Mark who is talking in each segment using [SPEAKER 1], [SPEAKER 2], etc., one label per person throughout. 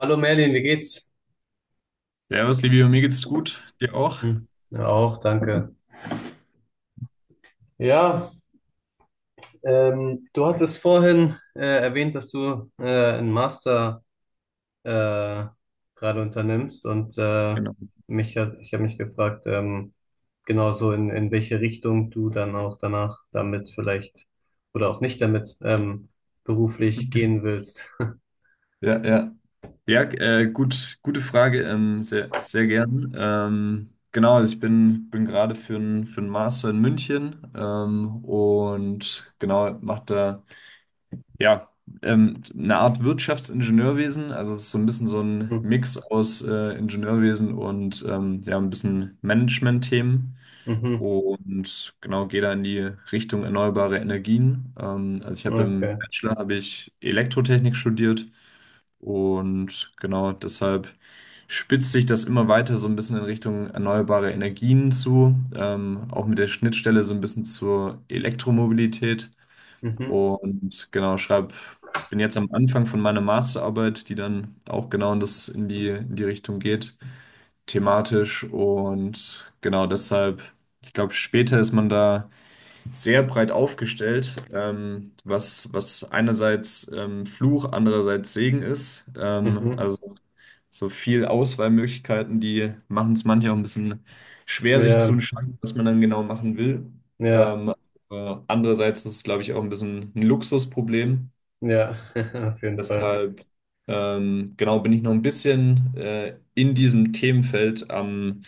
[SPEAKER 1] Hallo Merlin, wie geht's?
[SPEAKER 2] Servus, Livio, mir geht's gut. Dir auch?
[SPEAKER 1] Hm, ja, auch, danke. Ja, Du hattest vorhin erwähnt, dass du einen Master äh, gerade unternimmst und
[SPEAKER 2] Genau.
[SPEAKER 1] ich habe mich gefragt, genau so in welche Richtung du dann auch danach damit vielleicht oder auch nicht damit beruflich gehen willst.
[SPEAKER 2] Ja. Ja, gut, gute Frage. Sehr, sehr gern. Genau, also ich bin gerade für einen Master in München und genau, mache da ja eine Art Wirtschaftsingenieurwesen. Also es ist so ein bisschen so ein
[SPEAKER 1] Hm,
[SPEAKER 2] Mix aus Ingenieurwesen und ja, ein bisschen Management-Themen.
[SPEAKER 1] mhm,
[SPEAKER 2] Und genau, gehe da in die Richtung erneuerbare Energien. Also ich habe im
[SPEAKER 1] okay.
[SPEAKER 2] Bachelor habe ich Elektrotechnik studiert und genau deshalb spitzt sich das immer weiter so ein bisschen in Richtung erneuerbare Energien zu, auch mit der Schnittstelle so ein bisschen zur Elektromobilität.
[SPEAKER 1] Mhm,
[SPEAKER 2] Und genau, bin jetzt am Anfang von meiner Masterarbeit, die dann auch genau in die Richtung geht thematisch. Und genau deshalb, ich glaube, später ist man da sehr breit aufgestellt, was, was einerseits Fluch, andererseits Segen ist.
[SPEAKER 1] mhm.
[SPEAKER 2] Also so viel Auswahlmöglichkeiten, die machen es manchmal auch ein bisschen schwer, sich zu
[SPEAKER 1] Ja,
[SPEAKER 2] entscheiden, was man dann genau machen will.
[SPEAKER 1] ja,
[SPEAKER 2] Ähm, Andererseits ist es, glaube ich, auch ein bisschen ein Luxusproblem.
[SPEAKER 1] ja, auf jeden Fall.
[SPEAKER 2] Deshalb, genau, bin ich noch ein bisschen in diesem Themenfeld am,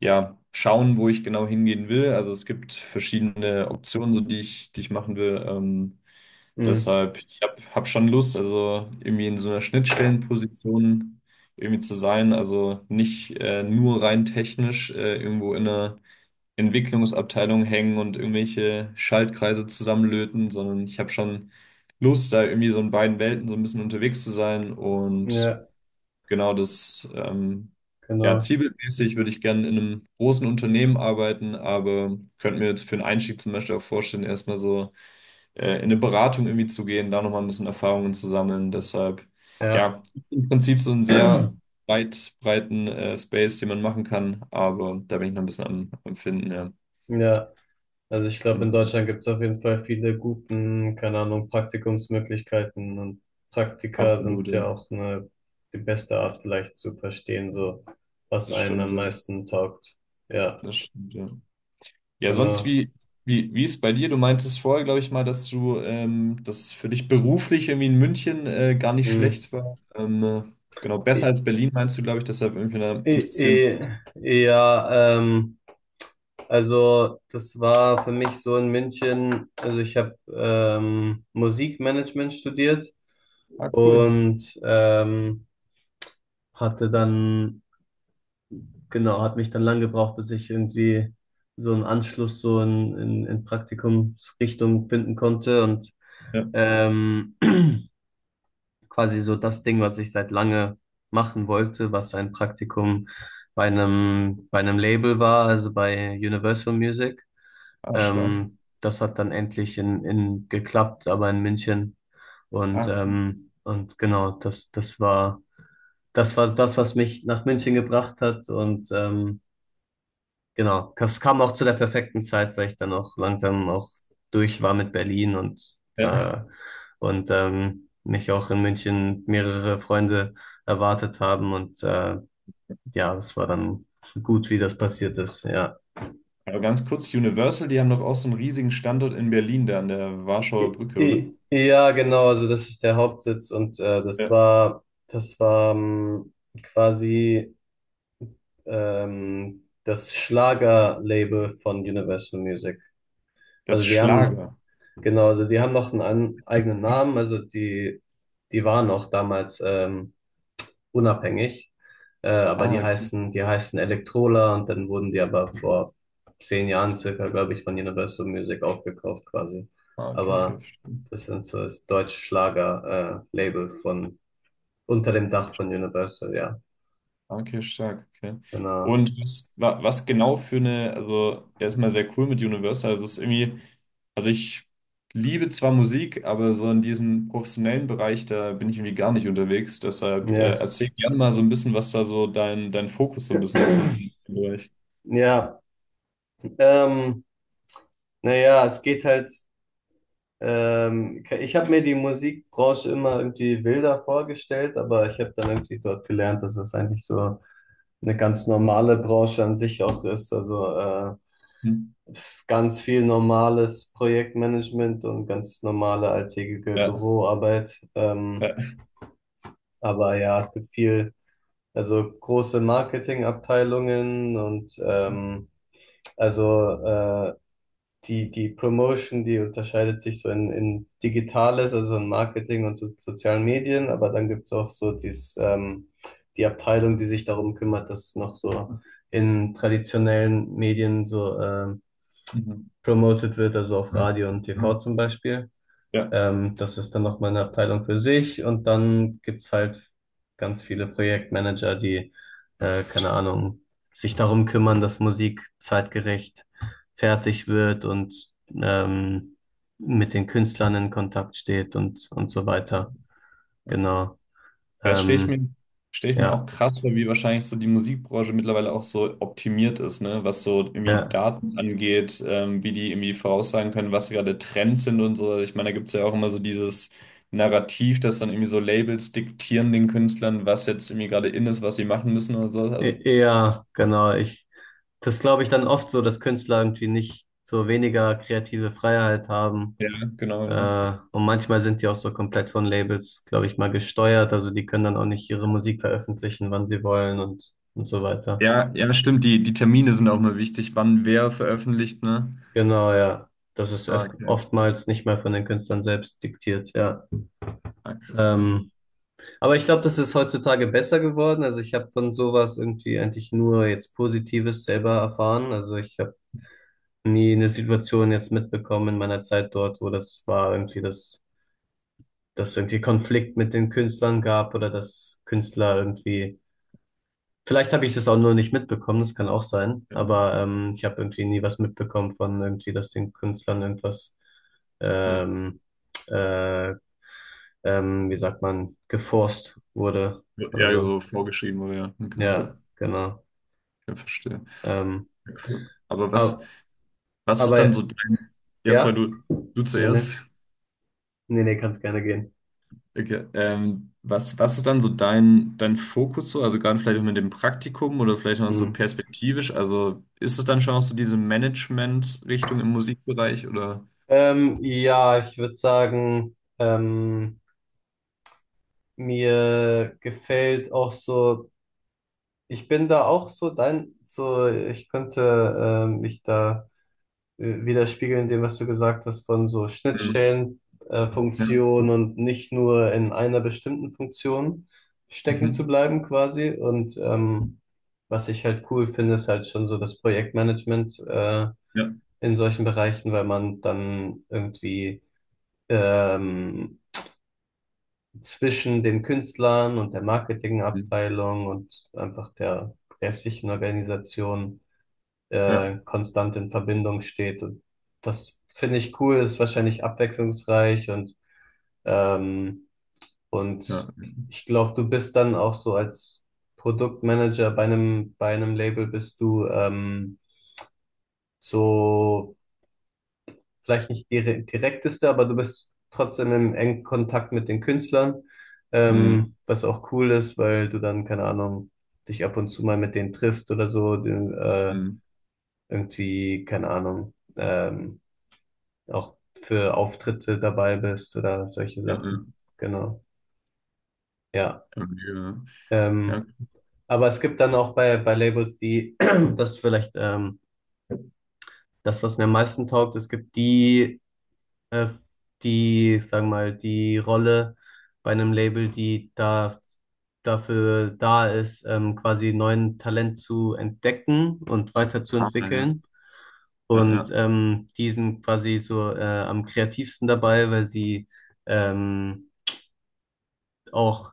[SPEAKER 2] ja, schauen, wo ich genau hingehen will. Also es gibt verschiedene Optionen, so die ich machen will.
[SPEAKER 1] Mhm,
[SPEAKER 2] Deshalb, ich hab schon Lust, also irgendwie in so einer Schnittstellenposition irgendwie zu sein. Also nicht nur rein technisch irgendwo in einer Entwicklungsabteilung hängen und irgendwelche Schaltkreise zusammenlöten, sondern ich habe schon Lust, da irgendwie so in beiden Welten so ein bisschen unterwegs zu sein. Und
[SPEAKER 1] ja,
[SPEAKER 2] genau ja,
[SPEAKER 1] genau.
[SPEAKER 2] zielbildmäßig würde ich gerne in einem großen Unternehmen arbeiten, aber könnte mir jetzt für einen Einstieg zum Beispiel auch vorstellen, erstmal so in eine Beratung irgendwie zu gehen, da nochmal ein bisschen Erfahrungen zu sammeln. Deshalb,
[SPEAKER 1] Ja,
[SPEAKER 2] ja, im Prinzip so ein sehr weit breiten Space, den man machen kann, aber da bin ich noch ein bisschen am, am Finden, ja.
[SPEAKER 1] ja. Also ich glaube, in
[SPEAKER 2] Genau.
[SPEAKER 1] Deutschland gibt es auf jeden Fall viele guten, keine Ahnung, Praktikumsmöglichkeiten, und Praktika
[SPEAKER 2] Absolut,
[SPEAKER 1] sind
[SPEAKER 2] ja.
[SPEAKER 1] ja auch eine, die beste Art vielleicht zu verstehen, so was
[SPEAKER 2] Das
[SPEAKER 1] einen
[SPEAKER 2] stimmt,
[SPEAKER 1] am
[SPEAKER 2] ja.
[SPEAKER 1] meisten taugt. Ja,
[SPEAKER 2] Das stimmt, ja. Ja, sonst
[SPEAKER 1] genau.
[SPEAKER 2] wie ist bei dir? Du meintest vorher, glaube ich mal, dass du, dass für dich beruflich irgendwie in München gar nicht
[SPEAKER 1] Hm.
[SPEAKER 2] schlecht war. Genau, besser
[SPEAKER 1] I-
[SPEAKER 2] als Berlin meinst du, glaube ich, deshalb irgendwie da interessieren bist.
[SPEAKER 1] Ja, ähm, also das war für mich so in München. Also ich habe Musikmanagement studiert
[SPEAKER 2] Ah, cool.
[SPEAKER 1] und hatte dann genau, hat mich dann lang gebraucht, bis ich irgendwie so einen Anschluss so in Praktikumsrichtung finden konnte und
[SPEAKER 2] Ja.
[SPEAKER 1] ähm, quasi so das Ding, was ich seit lange machen wollte, was ein Praktikum bei einem Label war, also bei Universal Music.
[SPEAKER 2] Ah, stark.
[SPEAKER 1] Das hat dann endlich in geklappt, aber in München. Und,
[SPEAKER 2] Ah, cool.
[SPEAKER 1] ähm, und genau, das war, das war das, was mich nach München gebracht hat, und genau, das kam auch zu der perfekten Zeit, weil ich dann auch langsam auch durch war mit Berlin und
[SPEAKER 2] Ja.
[SPEAKER 1] äh, mich auch in München mehrere Freunde erwartet haben und ja, das war dann gut, wie das passiert ist. Ja,
[SPEAKER 2] Aber ganz kurz, Universal, die haben doch auch so einen riesigen Standort in Berlin, da an der Warschauer Brücke, oder?
[SPEAKER 1] ja, genau. Also das ist der Hauptsitz und
[SPEAKER 2] Ja.
[SPEAKER 1] das war quasi das Schlagerlabel von Universal Music.
[SPEAKER 2] Das
[SPEAKER 1] Also die haben
[SPEAKER 2] Schlager.
[SPEAKER 1] Genau, also die haben noch eigenen Namen, also die, die waren noch damals unabhängig, aber
[SPEAKER 2] Ah,
[SPEAKER 1] die heißen Electrola, und dann wurden die aber vor zehn Jahren circa, glaube ich, von Universal Music aufgekauft quasi.
[SPEAKER 2] ah, okay, okay,
[SPEAKER 1] Aber
[SPEAKER 2] verstehe.
[SPEAKER 1] das sind so das Deutschschlager-Label von unter dem Dach von Universal, ja,
[SPEAKER 2] Okay, stark, okay.
[SPEAKER 1] genau.
[SPEAKER 2] Und was genau für eine, also erstmal sehr cool mit Universal, also es ist irgendwie, also ich liebe zwar Musik, aber so in diesem professionellen Bereich, da bin ich irgendwie gar nicht unterwegs, deshalb
[SPEAKER 1] Ja,
[SPEAKER 2] erzähl gerne mal so ein bisschen, was da so dein Fokus so ein bisschen ist in Bereich.
[SPEAKER 1] ja, ähm, naja, es geht halt. Ich habe mir die Musikbranche immer irgendwie wilder vorgestellt, aber ich habe dann irgendwie dort gelernt, dass es eigentlich so eine ganz normale Branche an sich auch ist.
[SPEAKER 2] Hm?
[SPEAKER 1] Ganz viel normales Projektmanagement und ganz normale alltägliche
[SPEAKER 2] Ja,
[SPEAKER 1] Büroarbeit.
[SPEAKER 2] ja.
[SPEAKER 1] Aber ja, es gibt viel, also große Marketingabteilungen und ähm, also äh, die Promotion, die unterscheidet sich so in Digitales, also in Marketing und so, sozialen Medien, aber dann gibt's auch so die Abteilung, die sich darum kümmert, dass noch so in traditionellen Medien so
[SPEAKER 2] Mhm.
[SPEAKER 1] promoted wird, also auf Radio und TV, mhm, zum Beispiel.
[SPEAKER 2] Ja.
[SPEAKER 1] Das ist dann nochmal eine Abteilung für sich, und dann gibt's halt ganz viele Projektmanager, die, keine Ahnung, sich darum kümmern, dass Musik zeitgerecht fertig wird und ähm, mit den Künstlern in Kontakt steht, und so weiter.
[SPEAKER 2] Ja.
[SPEAKER 1] Genau.
[SPEAKER 2] Ja, das stelle ich
[SPEAKER 1] Ähm,
[SPEAKER 2] mir, stell ich mir auch
[SPEAKER 1] ja,
[SPEAKER 2] krass vor, wie wahrscheinlich so die Musikbranche mittlerweile auch so optimiert ist, ne? Was so irgendwie
[SPEAKER 1] ja,
[SPEAKER 2] Daten angeht, wie die irgendwie voraussagen können, was gerade Trends sind und so. Also ich meine, da gibt es ja auch immer so dieses Narrativ, dass dann irgendwie so Labels diktieren den Künstlern, was jetzt irgendwie gerade in ist, was sie machen müssen oder so. Also,
[SPEAKER 1] Ja, genau. Ich, das glaube ich dann oft so, dass Künstler irgendwie nicht so weniger kreative Freiheit haben.
[SPEAKER 2] ja, genau.
[SPEAKER 1] Und manchmal sind die auch so komplett von Labels, glaube ich, mal gesteuert. Also die können dann auch nicht ihre Musik veröffentlichen, wann sie wollen, und so weiter.
[SPEAKER 2] Ja, ja, stimmt. Die Termine sind auch mal wichtig, wann wer veröffentlicht, ne?
[SPEAKER 1] Genau, ja. Das ist
[SPEAKER 2] Ah, okay.
[SPEAKER 1] oftmals nicht mal von den Künstlern selbst diktiert, ja.
[SPEAKER 2] Ah, krass. Ja,
[SPEAKER 1] Ähm, aber ich glaube, das ist heutzutage besser geworden. Also ich habe von sowas irgendwie eigentlich nur jetzt Positives selber erfahren. Also ich habe nie eine Situation jetzt mitbekommen in meiner Zeit dort, wo das war irgendwie, dass irgendwie Konflikt mit den Künstlern gab oder dass Künstler irgendwie. Vielleicht habe ich das auch nur nicht mitbekommen, das kann auch sein, aber ich habe irgendwie nie was mitbekommen von irgendwie, dass den Künstlern irgendwas,
[SPEAKER 2] ja,
[SPEAKER 1] ähm, äh, wie sagt man, geforst wurde
[SPEAKER 2] so
[SPEAKER 1] oder
[SPEAKER 2] ja,
[SPEAKER 1] so.
[SPEAKER 2] so vorgeschrieben, oder ja. Okay.
[SPEAKER 1] Ja, genau.
[SPEAKER 2] Ich verstehe.
[SPEAKER 1] Ähm,
[SPEAKER 2] Ja, cool. Aber
[SPEAKER 1] aber,
[SPEAKER 2] was ist dann
[SPEAKER 1] aber
[SPEAKER 2] so dein, ja, sorry,
[SPEAKER 1] ja,
[SPEAKER 2] du
[SPEAKER 1] nee, nee,
[SPEAKER 2] zuerst.
[SPEAKER 1] nee, nee, kann's gerne gehen.
[SPEAKER 2] Okay. Was, was ist dann so dein Fokus so? Also gerade vielleicht auch mit dem Praktikum oder vielleicht noch so
[SPEAKER 1] Hm.
[SPEAKER 2] perspektivisch. Also ist es dann schon auch so diese Management-Richtung im Musikbereich oder?
[SPEAKER 1] Ja, ich würde sagen, mir gefällt auch so. Ich bin da auch so dein, so ich könnte mich da widerspiegeln in dem, was du gesagt hast, von so
[SPEAKER 2] Mhm.
[SPEAKER 1] Schnittstellen,
[SPEAKER 2] Ja.
[SPEAKER 1] Funktionen und nicht nur in einer bestimmten Funktion stecken zu
[SPEAKER 2] Mhm.
[SPEAKER 1] bleiben quasi. Und was ich halt cool finde, ist halt schon so das Projektmanagement
[SPEAKER 2] Ja.
[SPEAKER 1] in solchen Bereichen, weil man dann irgendwie ähm, zwischen den Künstlern und der
[SPEAKER 2] Mhm.
[SPEAKER 1] Marketingabteilung und einfach der restlichen Organisation
[SPEAKER 2] Ja.
[SPEAKER 1] konstant in Verbindung steht. Und das finde ich cool, ist wahrscheinlich abwechslungsreich und, ähm,
[SPEAKER 2] Ja.
[SPEAKER 1] und ich glaube, du bist dann auch so als Produktmanager bei einem Label bist du so vielleicht nicht direkteste, aber du bist trotzdem im engen Kontakt mit den Künstlern,
[SPEAKER 2] Mhm.
[SPEAKER 1] was auch cool ist, weil du dann, keine Ahnung, dich ab und zu mal mit denen triffst oder so, den,
[SPEAKER 2] Mhm.
[SPEAKER 1] irgendwie, keine Ahnung, auch für Auftritte dabei bist oder solche
[SPEAKER 2] Ja. Ja.
[SPEAKER 1] Sachen. Genau, ja.
[SPEAKER 2] Ja.
[SPEAKER 1] Ähm,
[SPEAKER 2] Ja.
[SPEAKER 1] aber es gibt dann auch bei Labels, die, das ist vielleicht das, was mir am meisten taugt. Es gibt die, äh, die, sagen wir mal, die Rolle bei einem Label, die da dafür da ist, quasi neuen Talent zu entdecken und
[SPEAKER 2] Ja. Ja. Ja.
[SPEAKER 1] weiterzuentwickeln.
[SPEAKER 2] Ja.
[SPEAKER 1] Und
[SPEAKER 2] Ja.
[SPEAKER 1] die sind quasi so am kreativsten dabei, weil sie ähm, auch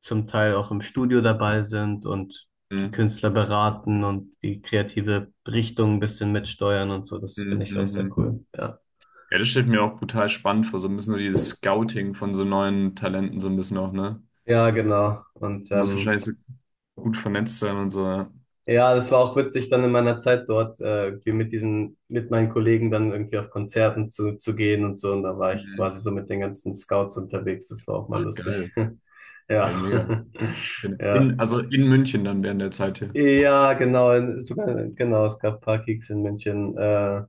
[SPEAKER 1] zum Teil auch im Studio dabei sind und die
[SPEAKER 2] Mhm.
[SPEAKER 1] Künstler beraten und die kreative Richtung ein bisschen mitsteuern und so. Das finde
[SPEAKER 2] Mhm.
[SPEAKER 1] ich auch sehr
[SPEAKER 2] Mhm.
[SPEAKER 1] cool. Ja,
[SPEAKER 2] Ja, das stellt mir auch brutal spannend vor, so ein bisschen so dieses Scouting von so neuen Talenten, so ein bisschen auch, ne?
[SPEAKER 1] ja, genau.
[SPEAKER 2] Du musst wahrscheinlich so gut vernetzt sein und so, ja.
[SPEAKER 1] Ja, das war auch witzig, dann in meiner Zeit dort irgendwie mit diesen, mit meinen Kollegen dann irgendwie auf Konzerten zu gehen und so. Und da war ich
[SPEAKER 2] Mhm.
[SPEAKER 1] quasi so mit den ganzen Scouts unterwegs. Das war auch mal
[SPEAKER 2] Ach,
[SPEAKER 1] lustig.
[SPEAKER 2] geil.
[SPEAKER 1] Ja.
[SPEAKER 2] Hey, mega.
[SPEAKER 1] Ja.
[SPEAKER 2] In, also in München dann während der Zeit hier.
[SPEAKER 1] Ja, genau. Sogar, genau, es gab ein paar Gigs in München.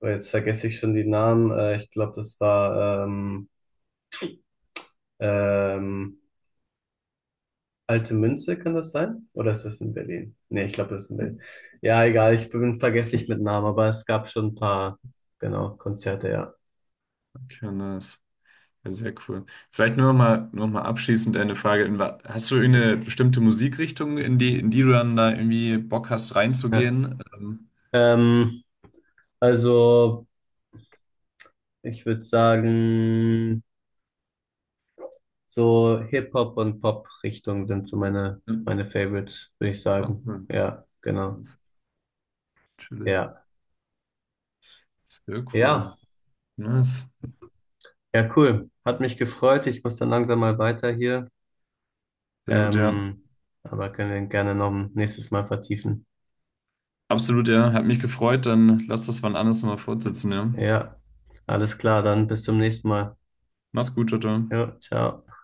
[SPEAKER 1] Oh, jetzt vergesse ich schon die Namen. Ich glaube, das war ähm, Alte Münze, kann das sein? Oder ist das in Berlin? Nee, ich glaube, das ist in Berlin. Ja, egal, ich bin vergesslich mit Namen, aber es gab schon ein paar, genau, Konzerte, ja.
[SPEAKER 2] Okay, nice. Ja, sehr cool. Vielleicht noch mal abschließend eine Frage. Hast du eine bestimmte Musikrichtung, in die du dann da irgendwie Bock hast,
[SPEAKER 1] Ja.
[SPEAKER 2] reinzugehen?
[SPEAKER 1] Ähm, also, ich würde sagen, so Hip-Hop und Pop-Richtung sind so
[SPEAKER 2] Ja,
[SPEAKER 1] meine Favorites, würde ich
[SPEAKER 2] ah,
[SPEAKER 1] sagen.
[SPEAKER 2] cool.
[SPEAKER 1] Ja, genau.
[SPEAKER 2] Natürlich.
[SPEAKER 1] Ja,
[SPEAKER 2] Sehr cool.
[SPEAKER 1] ja,
[SPEAKER 2] Nice.
[SPEAKER 1] ja, cool. Hat mich gefreut. Ich muss dann langsam mal weiter hier.
[SPEAKER 2] Sehr gut, ja.
[SPEAKER 1] Ähm, aber können wir gerne noch ein nächstes Mal vertiefen.
[SPEAKER 2] Absolut, ja. Hat mich gefreut. Dann lass das wann anders mal fortsetzen, ja.
[SPEAKER 1] Ja, alles klar, dann bis zum nächsten Mal.
[SPEAKER 2] Mach's gut, Jutta.
[SPEAKER 1] Jo, ciao.